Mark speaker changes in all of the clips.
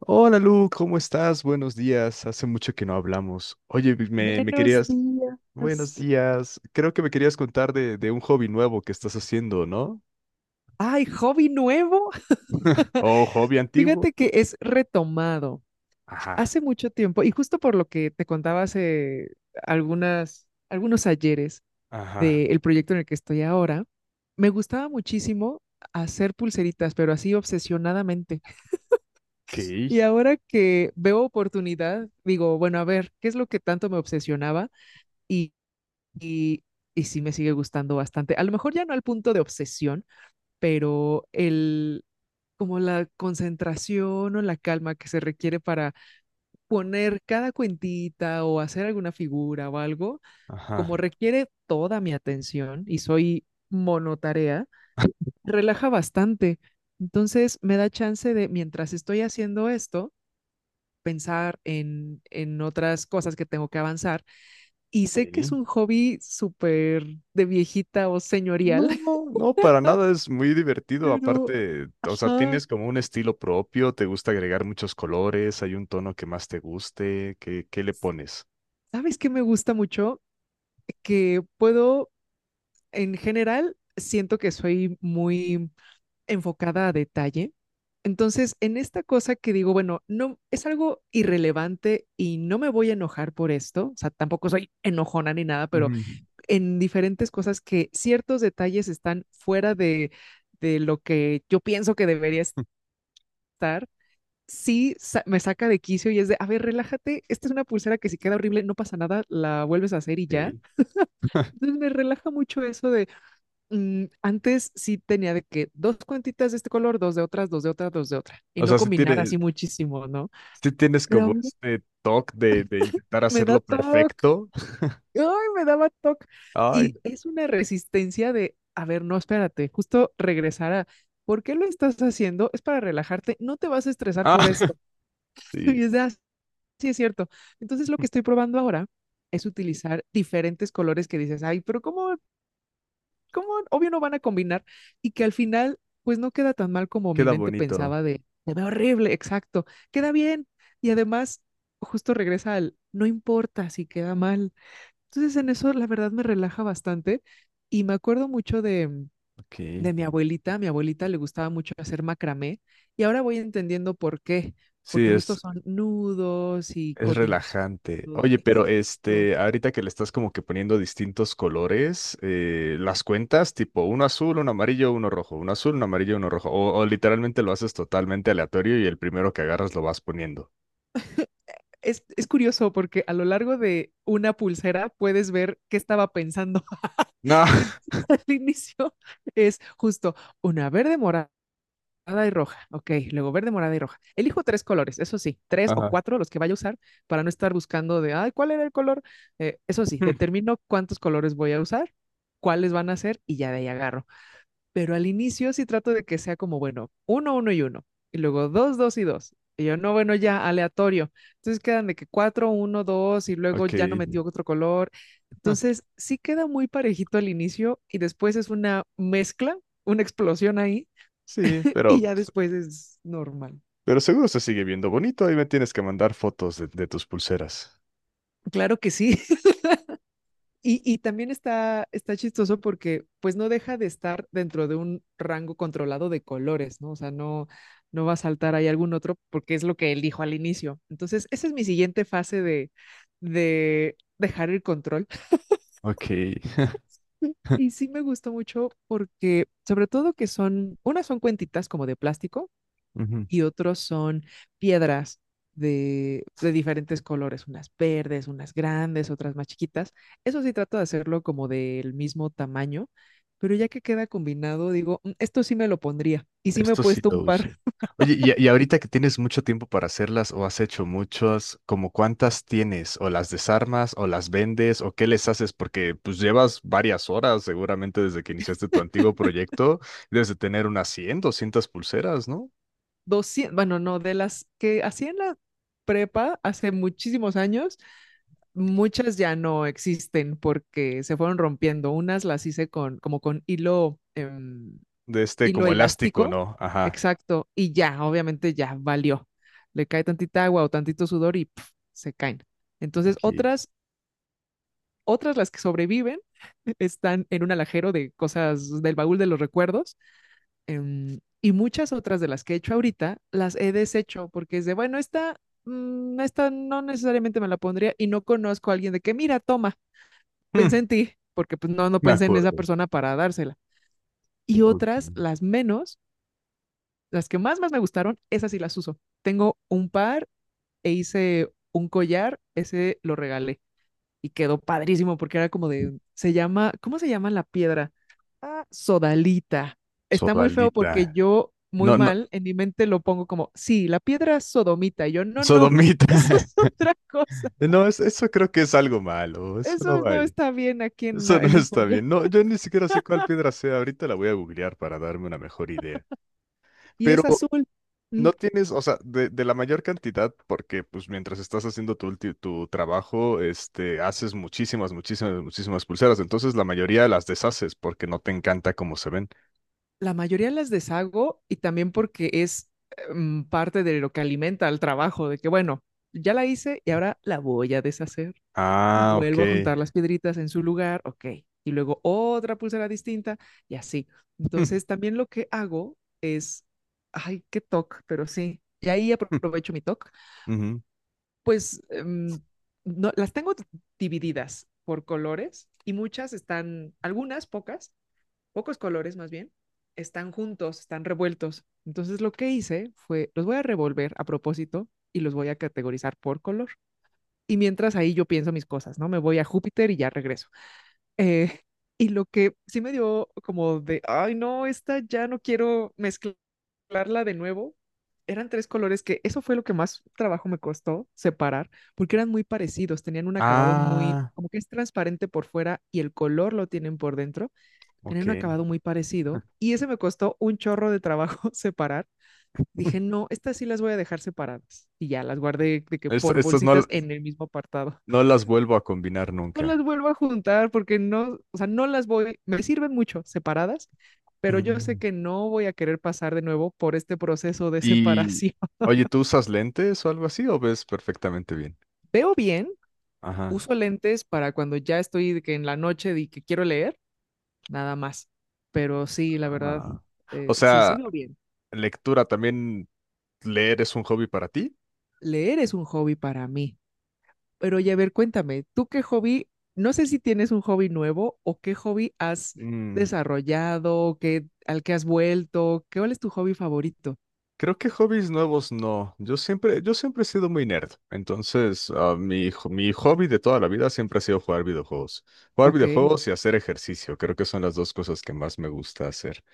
Speaker 1: Hola Lu, ¿cómo estás? Buenos días. Hace mucho que no hablamos. Oye, me
Speaker 2: Buenos
Speaker 1: querías... Buenos
Speaker 2: días.
Speaker 1: días. Creo que me querías contar de un hobby nuevo que estás haciendo, ¿no?
Speaker 2: Ay, hobby nuevo.
Speaker 1: ¿O hobby antiguo?
Speaker 2: Fíjate que es retomado
Speaker 1: Ajá,
Speaker 2: hace mucho tiempo y justo por lo que te contaba hace algunos ayeres
Speaker 1: ajá.
Speaker 2: del proyecto en el que estoy ahora, me gustaba muchísimo hacer pulseritas, pero así obsesionadamente.
Speaker 1: Ok,
Speaker 2: Y ahora que veo oportunidad, digo, bueno, a ver, ¿qué es lo que tanto me obsesionaba? Y, y, y sí me sigue gustando bastante. A lo mejor ya no al punto de obsesión, pero el como la concentración o la calma que se requiere para poner cada cuentita o hacer alguna figura o algo, como
Speaker 1: ajá.
Speaker 2: requiere toda mi atención y soy monotarea, relaja bastante. Entonces me da chance de, mientras estoy haciendo esto, pensar en otras cosas que tengo que avanzar. Y sé que es
Speaker 1: Ok.
Speaker 2: un hobby súper de viejita o señorial,
Speaker 1: No, no, no, para nada es muy divertido.
Speaker 2: pero...
Speaker 1: Aparte, o sea,
Speaker 2: ajá.
Speaker 1: tienes como un estilo propio, te gusta agregar muchos colores, hay un tono que más te guste. ¿Qué le pones?
Speaker 2: ¿Sabes qué me gusta mucho? Que puedo En general, siento que soy muy enfocada a detalle. Entonces, en esta cosa que digo, bueno, no es algo irrelevante y no me voy a enojar por esto, o sea, tampoco soy enojona ni nada, pero
Speaker 1: Ujú.
Speaker 2: en diferentes cosas que ciertos detalles están fuera de lo que yo pienso que debería estar, me saca de quicio y es de, a ver, relájate, esta es una pulsera que si queda horrible, no pasa nada, la vuelves a hacer y ya.
Speaker 1: Ok.
Speaker 2: Entonces me relaja mucho eso. Antes sí tenía de que dos cuentitas de este color, dos de otras, dos de otras, dos de otra, y
Speaker 1: O
Speaker 2: no
Speaker 1: sea, si
Speaker 2: combinar
Speaker 1: tiene.
Speaker 2: así muchísimo, ¿no?
Speaker 1: Sí tienes
Speaker 2: Pero
Speaker 1: como
Speaker 2: ahora
Speaker 1: este toque de intentar
Speaker 2: me da
Speaker 1: hacerlo
Speaker 2: TOC,
Speaker 1: perfecto.
Speaker 2: ay, me daba TOC.
Speaker 1: Ay,
Speaker 2: Y
Speaker 1: no.
Speaker 2: es una resistencia de, a ver, no, espérate, justo regresar a, ¿por qué lo estás haciendo? Es para relajarte, no te vas a estresar
Speaker 1: Ah,
Speaker 2: por esto.
Speaker 1: sí,
Speaker 2: Y es de, sí, es cierto. Entonces lo que estoy probando ahora es utilizar diferentes colores que dices, ay, pero ¿cómo? Obvio no van a combinar y que al final, pues no queda tan mal como mi
Speaker 1: queda
Speaker 2: mente
Speaker 1: bonito.
Speaker 2: pensaba de, se ve horrible, exacto, queda bien. Y además, justo regresa al, no importa si queda mal. Entonces en eso la verdad me relaja bastante y me acuerdo mucho de,
Speaker 1: Ok.
Speaker 2: de mi abuelita. A mi abuelita le gustaba mucho hacer macramé y ahora voy entendiendo por qué,
Speaker 1: Sí,
Speaker 2: porque justo
Speaker 1: es,
Speaker 2: son nudos y
Speaker 1: es
Speaker 2: coordinación.
Speaker 1: relajante.
Speaker 2: Todo.
Speaker 1: Oye, pero
Speaker 2: Exacto.
Speaker 1: este, ahorita que le estás como que poniendo distintos colores, las cuentas tipo uno azul, uno amarillo, uno rojo, uno azul, uno amarillo, uno rojo. O literalmente lo haces totalmente aleatorio y el primero que agarras lo vas poniendo.
Speaker 2: Es curioso porque a lo largo de una pulsera puedes ver qué estaba pensando
Speaker 1: No.
Speaker 2: al inicio. Es justo una verde morada y roja, ok, luego verde, morada y roja. Elijo tres colores, eso sí, tres o
Speaker 1: Ajá.
Speaker 2: cuatro los que vaya a usar para no estar buscando de, ay, ¿cuál era el color? Eso sí, determino cuántos colores voy a usar, cuáles van a ser y ya de ahí agarro. Pero al inicio sí trato de que sea como, bueno, uno, uno y uno. Y luego dos, dos y dos. Y yo, no, bueno, ya, aleatorio. Entonces quedan de que cuatro, uno, dos, y luego
Speaker 1: Ok.
Speaker 2: ya no metió otro color. Entonces sí queda muy parejito al inicio y después es una mezcla, una explosión ahí,
Speaker 1: Sí, pero
Speaker 2: y ya después es normal.
Speaker 1: Pero seguro se sigue viendo bonito. Ahí me tienes que mandar fotos de tus pulseras.
Speaker 2: Claro que sí. Y también está chistoso porque pues no deja de estar dentro de un rango controlado de colores, ¿no? O sea, no, no va a saltar ahí algún otro porque es lo que él dijo al inicio. Entonces, esa es mi siguiente fase de, dejar el control.
Speaker 1: Ok,
Speaker 2: Y sí me gustó mucho porque, sobre todo que son, unas son cuentitas como de plástico,
Speaker 1: ujú.
Speaker 2: y otros son piedras de diferentes colores, unas verdes, unas grandes, otras más chiquitas. Eso sí trato de hacerlo como del mismo tamaño, pero ya que queda combinado, digo, "Mm, esto sí me lo pondría". Y sí me he
Speaker 1: Esto sí
Speaker 2: puesto un
Speaker 1: lo
Speaker 2: par.
Speaker 1: uso. Oye, y ahorita que tienes mucho tiempo para hacerlas o has hecho muchas, ¿como cuántas tienes? ¿O las desarmas o las vendes o qué les haces? Porque pues llevas varias horas seguramente desde que iniciaste tu antiguo proyecto, debes de tener unas 100, 200 pulseras, ¿no?
Speaker 2: 200, bueno, no, de las que hacía en la prepa hace muchísimos años, muchas ya no existen porque se fueron rompiendo. Unas las hice con, como con hilo,
Speaker 1: De este
Speaker 2: hilo
Speaker 1: como elástico,
Speaker 2: elástico,
Speaker 1: ¿no? Ajá.
Speaker 2: exacto, y ya, obviamente ya valió. Le cae tantita agua o tantito sudor y pf, se caen. Entonces,
Speaker 1: Ok.
Speaker 2: otras las que sobreviven están en un alajero de cosas del baúl de los recuerdos. Y muchas otras de las que he hecho ahorita las he deshecho porque es de, bueno, esta no necesariamente me la pondría y no conozco a alguien de que, mira, toma,
Speaker 1: Hmm,
Speaker 2: pensé en ti, porque pues no, no
Speaker 1: me
Speaker 2: pensé en esa
Speaker 1: acuerdo.
Speaker 2: persona para dársela. Y
Speaker 1: Ok.
Speaker 2: otras, las menos. Las que más, más me gustaron, esas sí las uso. Tengo un par e hice un collar, ese lo regalé y quedó padrísimo porque era como de, se llama, ¿cómo se llama la piedra? Ah, sodalita. Está muy feo porque
Speaker 1: Sodalita.
Speaker 2: yo, muy
Speaker 1: No, no,
Speaker 2: mal, en mi mente lo pongo como, sí, la piedra sodomita. Y yo, no, no,
Speaker 1: sodomita.
Speaker 2: eso es otra cosa.
Speaker 1: No, eso creo que es algo malo, eso no
Speaker 2: Eso
Speaker 1: va
Speaker 2: no
Speaker 1: ahí.
Speaker 2: está bien aquí en,
Speaker 1: Eso no
Speaker 2: en un
Speaker 1: está
Speaker 2: collar.
Speaker 1: bien. No, yo ni siquiera sé cuál piedra sea. Ahorita la voy a googlear para darme una mejor idea.
Speaker 2: Y
Speaker 1: Pero
Speaker 2: es azul. Mm.
Speaker 1: no tienes, o sea, de la mayor cantidad, porque pues mientras estás haciendo tu, tu trabajo, este, haces muchísimas, muchísimas, muchísimas pulseras. Entonces la mayoría las deshaces porque no te encanta cómo se ven.
Speaker 2: La mayoría las deshago y también porque es parte de lo que alimenta al trabajo, de que bueno, ya la hice y ahora la voy a deshacer y
Speaker 1: Ah, ok.
Speaker 2: vuelvo a juntar las piedritas en su lugar, ok, y luego otra pulsera distinta y así. Entonces también lo que hago es, ay, qué toque, pero sí, y ahí
Speaker 1: Mm,
Speaker 2: aprovecho mi toque,
Speaker 1: mm, ujú.
Speaker 2: pues no, las tengo divididas por colores y muchas están, algunas, pocas pocos colores más bien, están juntos, están revueltos. Entonces lo que hice fue, los voy a revolver a propósito y los voy a categorizar por color. Y mientras ahí yo pienso mis cosas, ¿no? Me voy a Júpiter y ya regreso. Eh, y lo que sí me dio como de, ay, no, esta ya no quiero mezclarla de nuevo. Eran tres colores que eso fue lo que más trabajo me costó separar, porque eran muy parecidos, tenían un acabado muy,
Speaker 1: Ah,
Speaker 2: como que es transparente por fuera y el color lo tienen por dentro, tenían
Speaker 1: ok.
Speaker 2: un acabado muy parecido y ese me costó un chorro de trabajo separar. Dije, no, estas sí las voy a dejar separadas. Y ya las guardé de que por
Speaker 1: Estas no,
Speaker 2: bolsitas en el mismo apartado.
Speaker 1: no las vuelvo a combinar
Speaker 2: No las
Speaker 1: nunca.
Speaker 2: vuelvo a juntar porque no, o sea, no las voy, me sirven mucho separadas, pero yo sé que no voy a querer pasar de nuevo por este proceso de
Speaker 1: Y,
Speaker 2: separación.
Speaker 1: oye, ¿tú usas lentes o algo así o ves perfectamente bien?
Speaker 2: Veo bien,
Speaker 1: Ajá.
Speaker 2: uso lentes para cuando ya estoy de que en la noche y que quiero leer, nada más. Pero sí, la verdad,
Speaker 1: Ah. O
Speaker 2: sí, sí
Speaker 1: sea,
Speaker 2: veo bien.
Speaker 1: lectura también, leer es un hobby para ti.
Speaker 2: Leer es un hobby para mí. Pero oye, a ver, cuéntame, ¿tú qué hobby? No sé si tienes un hobby nuevo o qué hobby has
Speaker 1: Mm,
Speaker 2: desarrollado, qué, al que has vuelto, ¿qué, cuál es tu hobby favorito?
Speaker 1: creo que hobbies nuevos no. Yo siempre he sido muy nerd. Entonces, ah, mi, mi hobby de toda la vida siempre ha sido jugar videojuegos. Jugar
Speaker 2: Ok.
Speaker 1: videojuegos y hacer ejercicio. Creo que son las dos cosas que más me gusta hacer.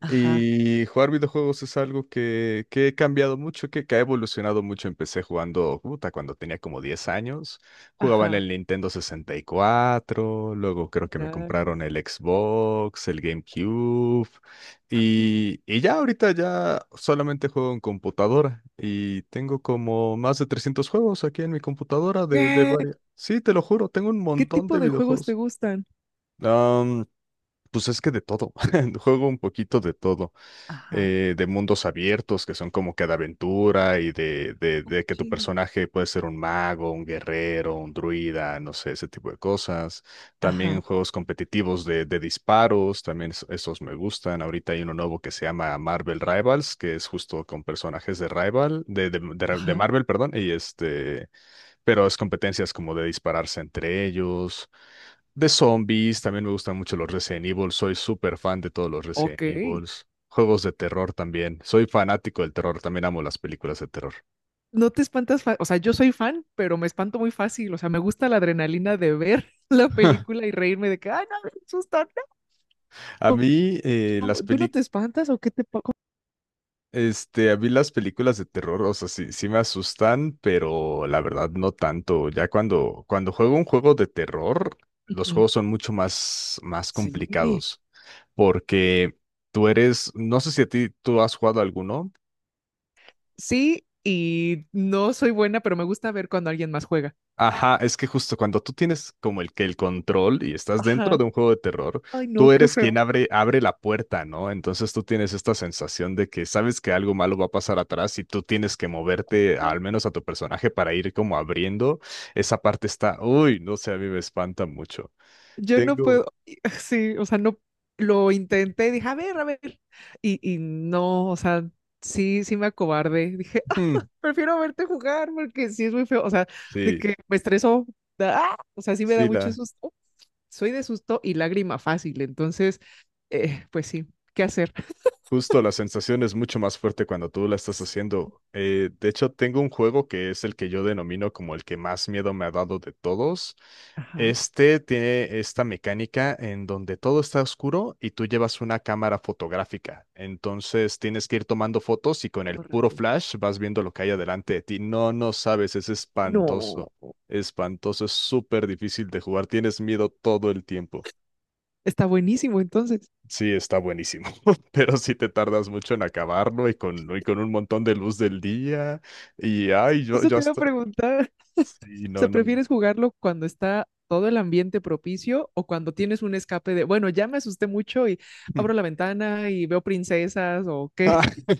Speaker 2: Ajá,
Speaker 1: Y jugar videojuegos es algo que he cambiado mucho, que ha evolucionado mucho. Empecé jugando, puta, cuando tenía como 10 años. Jugaba en
Speaker 2: ajá,
Speaker 1: el Nintendo 64, luego creo que me compraron
Speaker 2: nice.
Speaker 1: el Xbox, el GameCube. Y ya ahorita ya solamente juego en computadora. Y tengo como más de 300 juegos aquí en mi computadora de
Speaker 2: ¿Qué,
Speaker 1: varias. Sí, te lo juro, tengo un
Speaker 2: qué
Speaker 1: montón
Speaker 2: tipo
Speaker 1: de
Speaker 2: de juegos te
Speaker 1: videojuegos.
Speaker 2: gustan?
Speaker 1: Pues es que de todo, juego un poquito de todo,
Speaker 2: Ajá.
Speaker 1: de mundos abiertos que son como que de aventura y de que tu
Speaker 2: Cuchillo.
Speaker 1: personaje puede ser un mago, un guerrero, un druida, no sé, ese tipo de cosas. También
Speaker 2: Ajá,
Speaker 1: juegos competitivos de disparos, también esos me gustan. Ahorita hay uno nuevo que se llama Marvel Rivals, que es justo con personajes de Rival, de de
Speaker 2: ajá,
Speaker 1: Marvel, perdón, y este pero es competencias como de dispararse entre ellos, de zombies, también me gustan mucho los Resident Evil, soy súper fan de todos los Resident
Speaker 2: ok.
Speaker 1: Evils. Juegos de terror también. Soy fanático del terror, también amo las películas de terror.
Speaker 2: No te espantas, o sea, yo soy fan, pero me espanto muy fácil, o sea, me gusta la adrenalina de ver la película y reírme de que, ay, no, me asusta,
Speaker 1: A
Speaker 2: no.
Speaker 1: mí,
Speaker 2: ¿Tú no te espantas o qué te pasa?
Speaker 1: este, a mí las películas de terror, o sea, sí, sí me asustan, pero la verdad no tanto. Ya cuando juego un juego de terror, los juegos son mucho más, más
Speaker 2: Sí,
Speaker 1: complicados, porque tú eres, no sé si a ti tú has jugado alguno.
Speaker 2: sí, y no soy buena, pero me gusta ver cuando alguien más juega.
Speaker 1: Ajá, es que justo cuando tú tienes como el que el control y estás dentro
Speaker 2: Ajá.
Speaker 1: de un juego de terror,
Speaker 2: Ay, no,
Speaker 1: tú
Speaker 2: qué
Speaker 1: eres quien
Speaker 2: feo.
Speaker 1: abre la puerta, ¿no? Entonces tú tienes esta sensación de que sabes que algo malo va a pasar atrás y tú tienes que moverte,
Speaker 2: No,
Speaker 1: al menos a tu personaje, para ir como abriendo. Esa parte está, uy, no sé, a mí me espanta mucho.
Speaker 2: yo no
Speaker 1: Tengo,
Speaker 2: puedo. Sí, o sea, no lo intenté, dije, a ver, a ver. Y no, o sea, sí, sí me acobardé. Dije, "Ah,
Speaker 1: hmm,
Speaker 2: prefiero verte jugar porque sí es muy feo". O sea, de
Speaker 1: sí,
Speaker 2: que me estresó. ¡Ah! O sea, sí me da
Speaker 1: sí,
Speaker 2: mucho
Speaker 1: la.
Speaker 2: susto. Soy de susto y lágrima fácil, entonces, pues sí, ¿qué hacer?
Speaker 1: Justo la sensación es mucho más fuerte cuando tú la estás haciendo. De hecho, tengo un juego que es el que yo denomino como el que más miedo me ha dado de todos.
Speaker 2: Ajá.
Speaker 1: Este tiene esta mecánica en donde todo está oscuro y tú llevas una cámara fotográfica. Entonces tienes que ir tomando fotos y con el
Speaker 2: Oh,
Speaker 1: puro
Speaker 2: rayos.
Speaker 1: flash vas viendo lo que hay adelante de ti. No, no sabes, es
Speaker 2: No.
Speaker 1: espantoso. Espantoso, es súper difícil de jugar. Tienes miedo todo el tiempo.
Speaker 2: Está buenísimo, entonces.
Speaker 1: Sí, está buenísimo, pero sí te tardas mucho en acabarlo y con un montón de luz del día. Y ay, yo,
Speaker 2: Eso
Speaker 1: yo
Speaker 2: te iba a
Speaker 1: hasta.
Speaker 2: preguntar.
Speaker 1: Sí,
Speaker 2: O sea,
Speaker 1: no, no.
Speaker 2: ¿prefieres jugarlo cuando está todo el ambiente propicio o cuando tienes un escape de, bueno, ya me asusté mucho y abro la ventana y veo princesas o qué?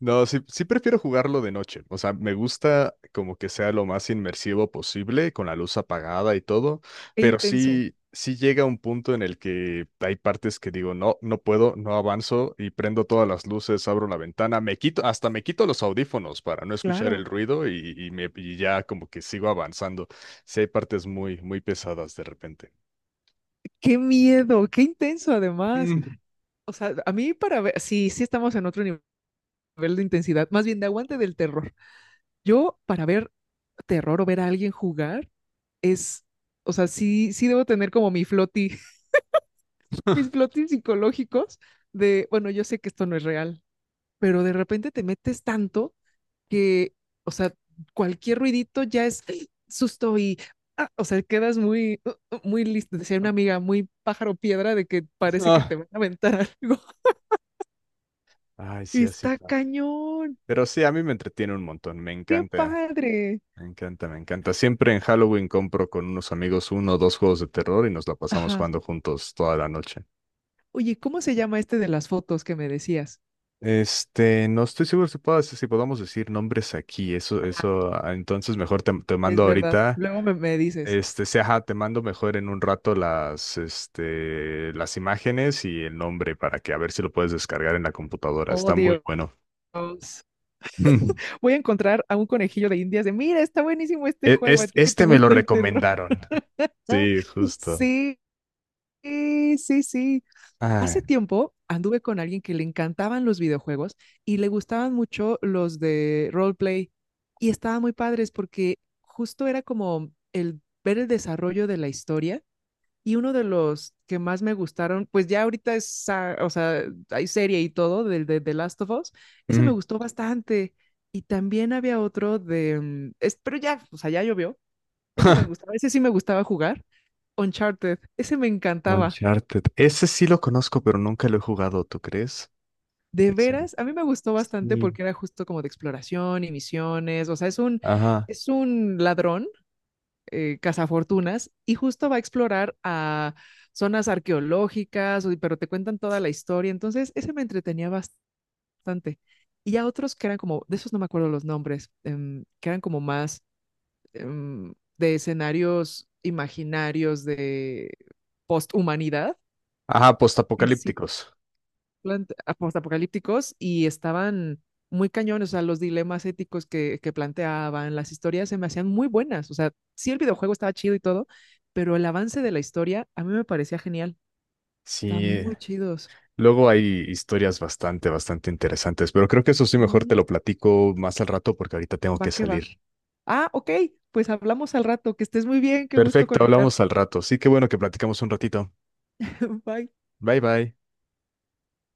Speaker 1: No, sí, sí prefiero jugarlo de noche. O sea, me gusta como que sea lo más inmersivo posible, con la luz apagada y todo,
Speaker 2: Qué
Speaker 1: pero
Speaker 2: intenso.
Speaker 1: sí, sí llega un punto en el que hay partes que digo, no, no puedo, no avanzo y prendo todas las luces, abro la ventana, me quito, hasta me quito los audífonos para no escuchar el
Speaker 2: Claro.
Speaker 1: ruido y ya como que sigo avanzando. Sí hay partes muy, muy pesadas de repente.
Speaker 2: Qué miedo, qué intenso además.
Speaker 1: Mm.
Speaker 2: O sea, a mí para ver, sí, sí estamos en otro nivel de intensidad, más bien de aguante del terror. Yo para ver terror o ver a alguien jugar es, o sea, sí, sí debo tener como mi floti mis flotis psicológicos de, bueno, yo sé que esto no es real, pero de repente te metes tanto que, o sea, cualquier ruidito ya es susto y, o sea, quedas muy, muy listo. Decía una amiga, muy pájaro piedra de que parece que te
Speaker 1: Ah,
Speaker 2: van a aventar algo.
Speaker 1: ay, sí, así
Speaker 2: Está
Speaker 1: pasa.
Speaker 2: cañón,
Speaker 1: Pero sí, a mí me entretiene un montón, me
Speaker 2: qué
Speaker 1: encanta.
Speaker 2: padre.
Speaker 1: Me encanta, me encanta. Siempre en Halloween compro con unos amigos uno o dos juegos de terror y nos la pasamos
Speaker 2: Ajá.
Speaker 1: jugando juntos toda la noche.
Speaker 2: Oye, ¿cómo se llama este de las fotos que me decías?
Speaker 1: Este, no estoy seguro si si podamos decir nombres aquí. Eso, ah, entonces mejor te
Speaker 2: Es
Speaker 1: mando
Speaker 2: verdad.
Speaker 1: ahorita.
Speaker 2: Luego me dices,
Speaker 1: Este, sí, ajá, te mando mejor en un rato las, este, las imágenes y el nombre para que a ver si lo puedes descargar en la computadora.
Speaker 2: oh
Speaker 1: Está muy bueno.
Speaker 2: Dios,
Speaker 1: Mm.
Speaker 2: voy a encontrar a un conejillo de indias de, mira, está buenísimo este juego, a ti que te
Speaker 1: Este, me lo
Speaker 2: gusta el terror.
Speaker 1: recomendaron. Sí, justo.
Speaker 2: Sí, sí, sí.
Speaker 1: Ay.
Speaker 2: Hace tiempo anduve con alguien que le encantaban los videojuegos y le gustaban mucho los de roleplay y estaban muy padres porque justo era como el ver el desarrollo de la historia y uno de los que más me gustaron, pues ya ahorita es, o sea, hay serie y todo del de The Last of Us, ese me
Speaker 1: Mm.
Speaker 2: gustó bastante. Y también había otro de, pero ya, o sea, ya llovió. Ese me gustaba, ese sí me gustaba jugar. Uncharted, ese me encantaba.
Speaker 1: Uncharted. Ese sí lo conozco, pero nunca lo he jugado, ¿tú crees?
Speaker 2: De
Speaker 1: Ese.
Speaker 2: veras, a mí me gustó bastante
Speaker 1: Sí.
Speaker 2: porque era justo como de exploración y misiones, o sea, es un,
Speaker 1: Ajá.
Speaker 2: ladrón, cazafortunas y justo va a explorar a zonas arqueológicas, pero te cuentan toda la historia. Entonces, ese me entretenía bastante. Y ya otros que eran como, de esos no me acuerdo los nombres, que eran como más de escenarios imaginarios de posthumanidad,
Speaker 1: Ajá, postapocalípticos.
Speaker 2: plant- postapocalípticos y estaban muy cañones, o sea, los dilemas éticos que planteaban, las historias se me hacían muy buenas, o sea, sí el videojuego estaba chido y todo, pero el avance de la historia a mí me parecía genial, estaban
Speaker 1: Sí.
Speaker 2: muy chidos.
Speaker 1: Luego hay historias bastante, bastante interesantes, pero creo que eso sí mejor
Speaker 2: Mm,
Speaker 1: te lo platico más al rato porque ahorita tengo
Speaker 2: Va
Speaker 1: que
Speaker 2: que va.
Speaker 1: salir.
Speaker 2: Ah, ok, pues hablamos al rato, que estés muy bien, qué gusto
Speaker 1: Perfecto,
Speaker 2: conectar.
Speaker 1: hablamos al rato. Sí, qué bueno que platicamos un ratito.
Speaker 2: Bye.
Speaker 1: Bye bye.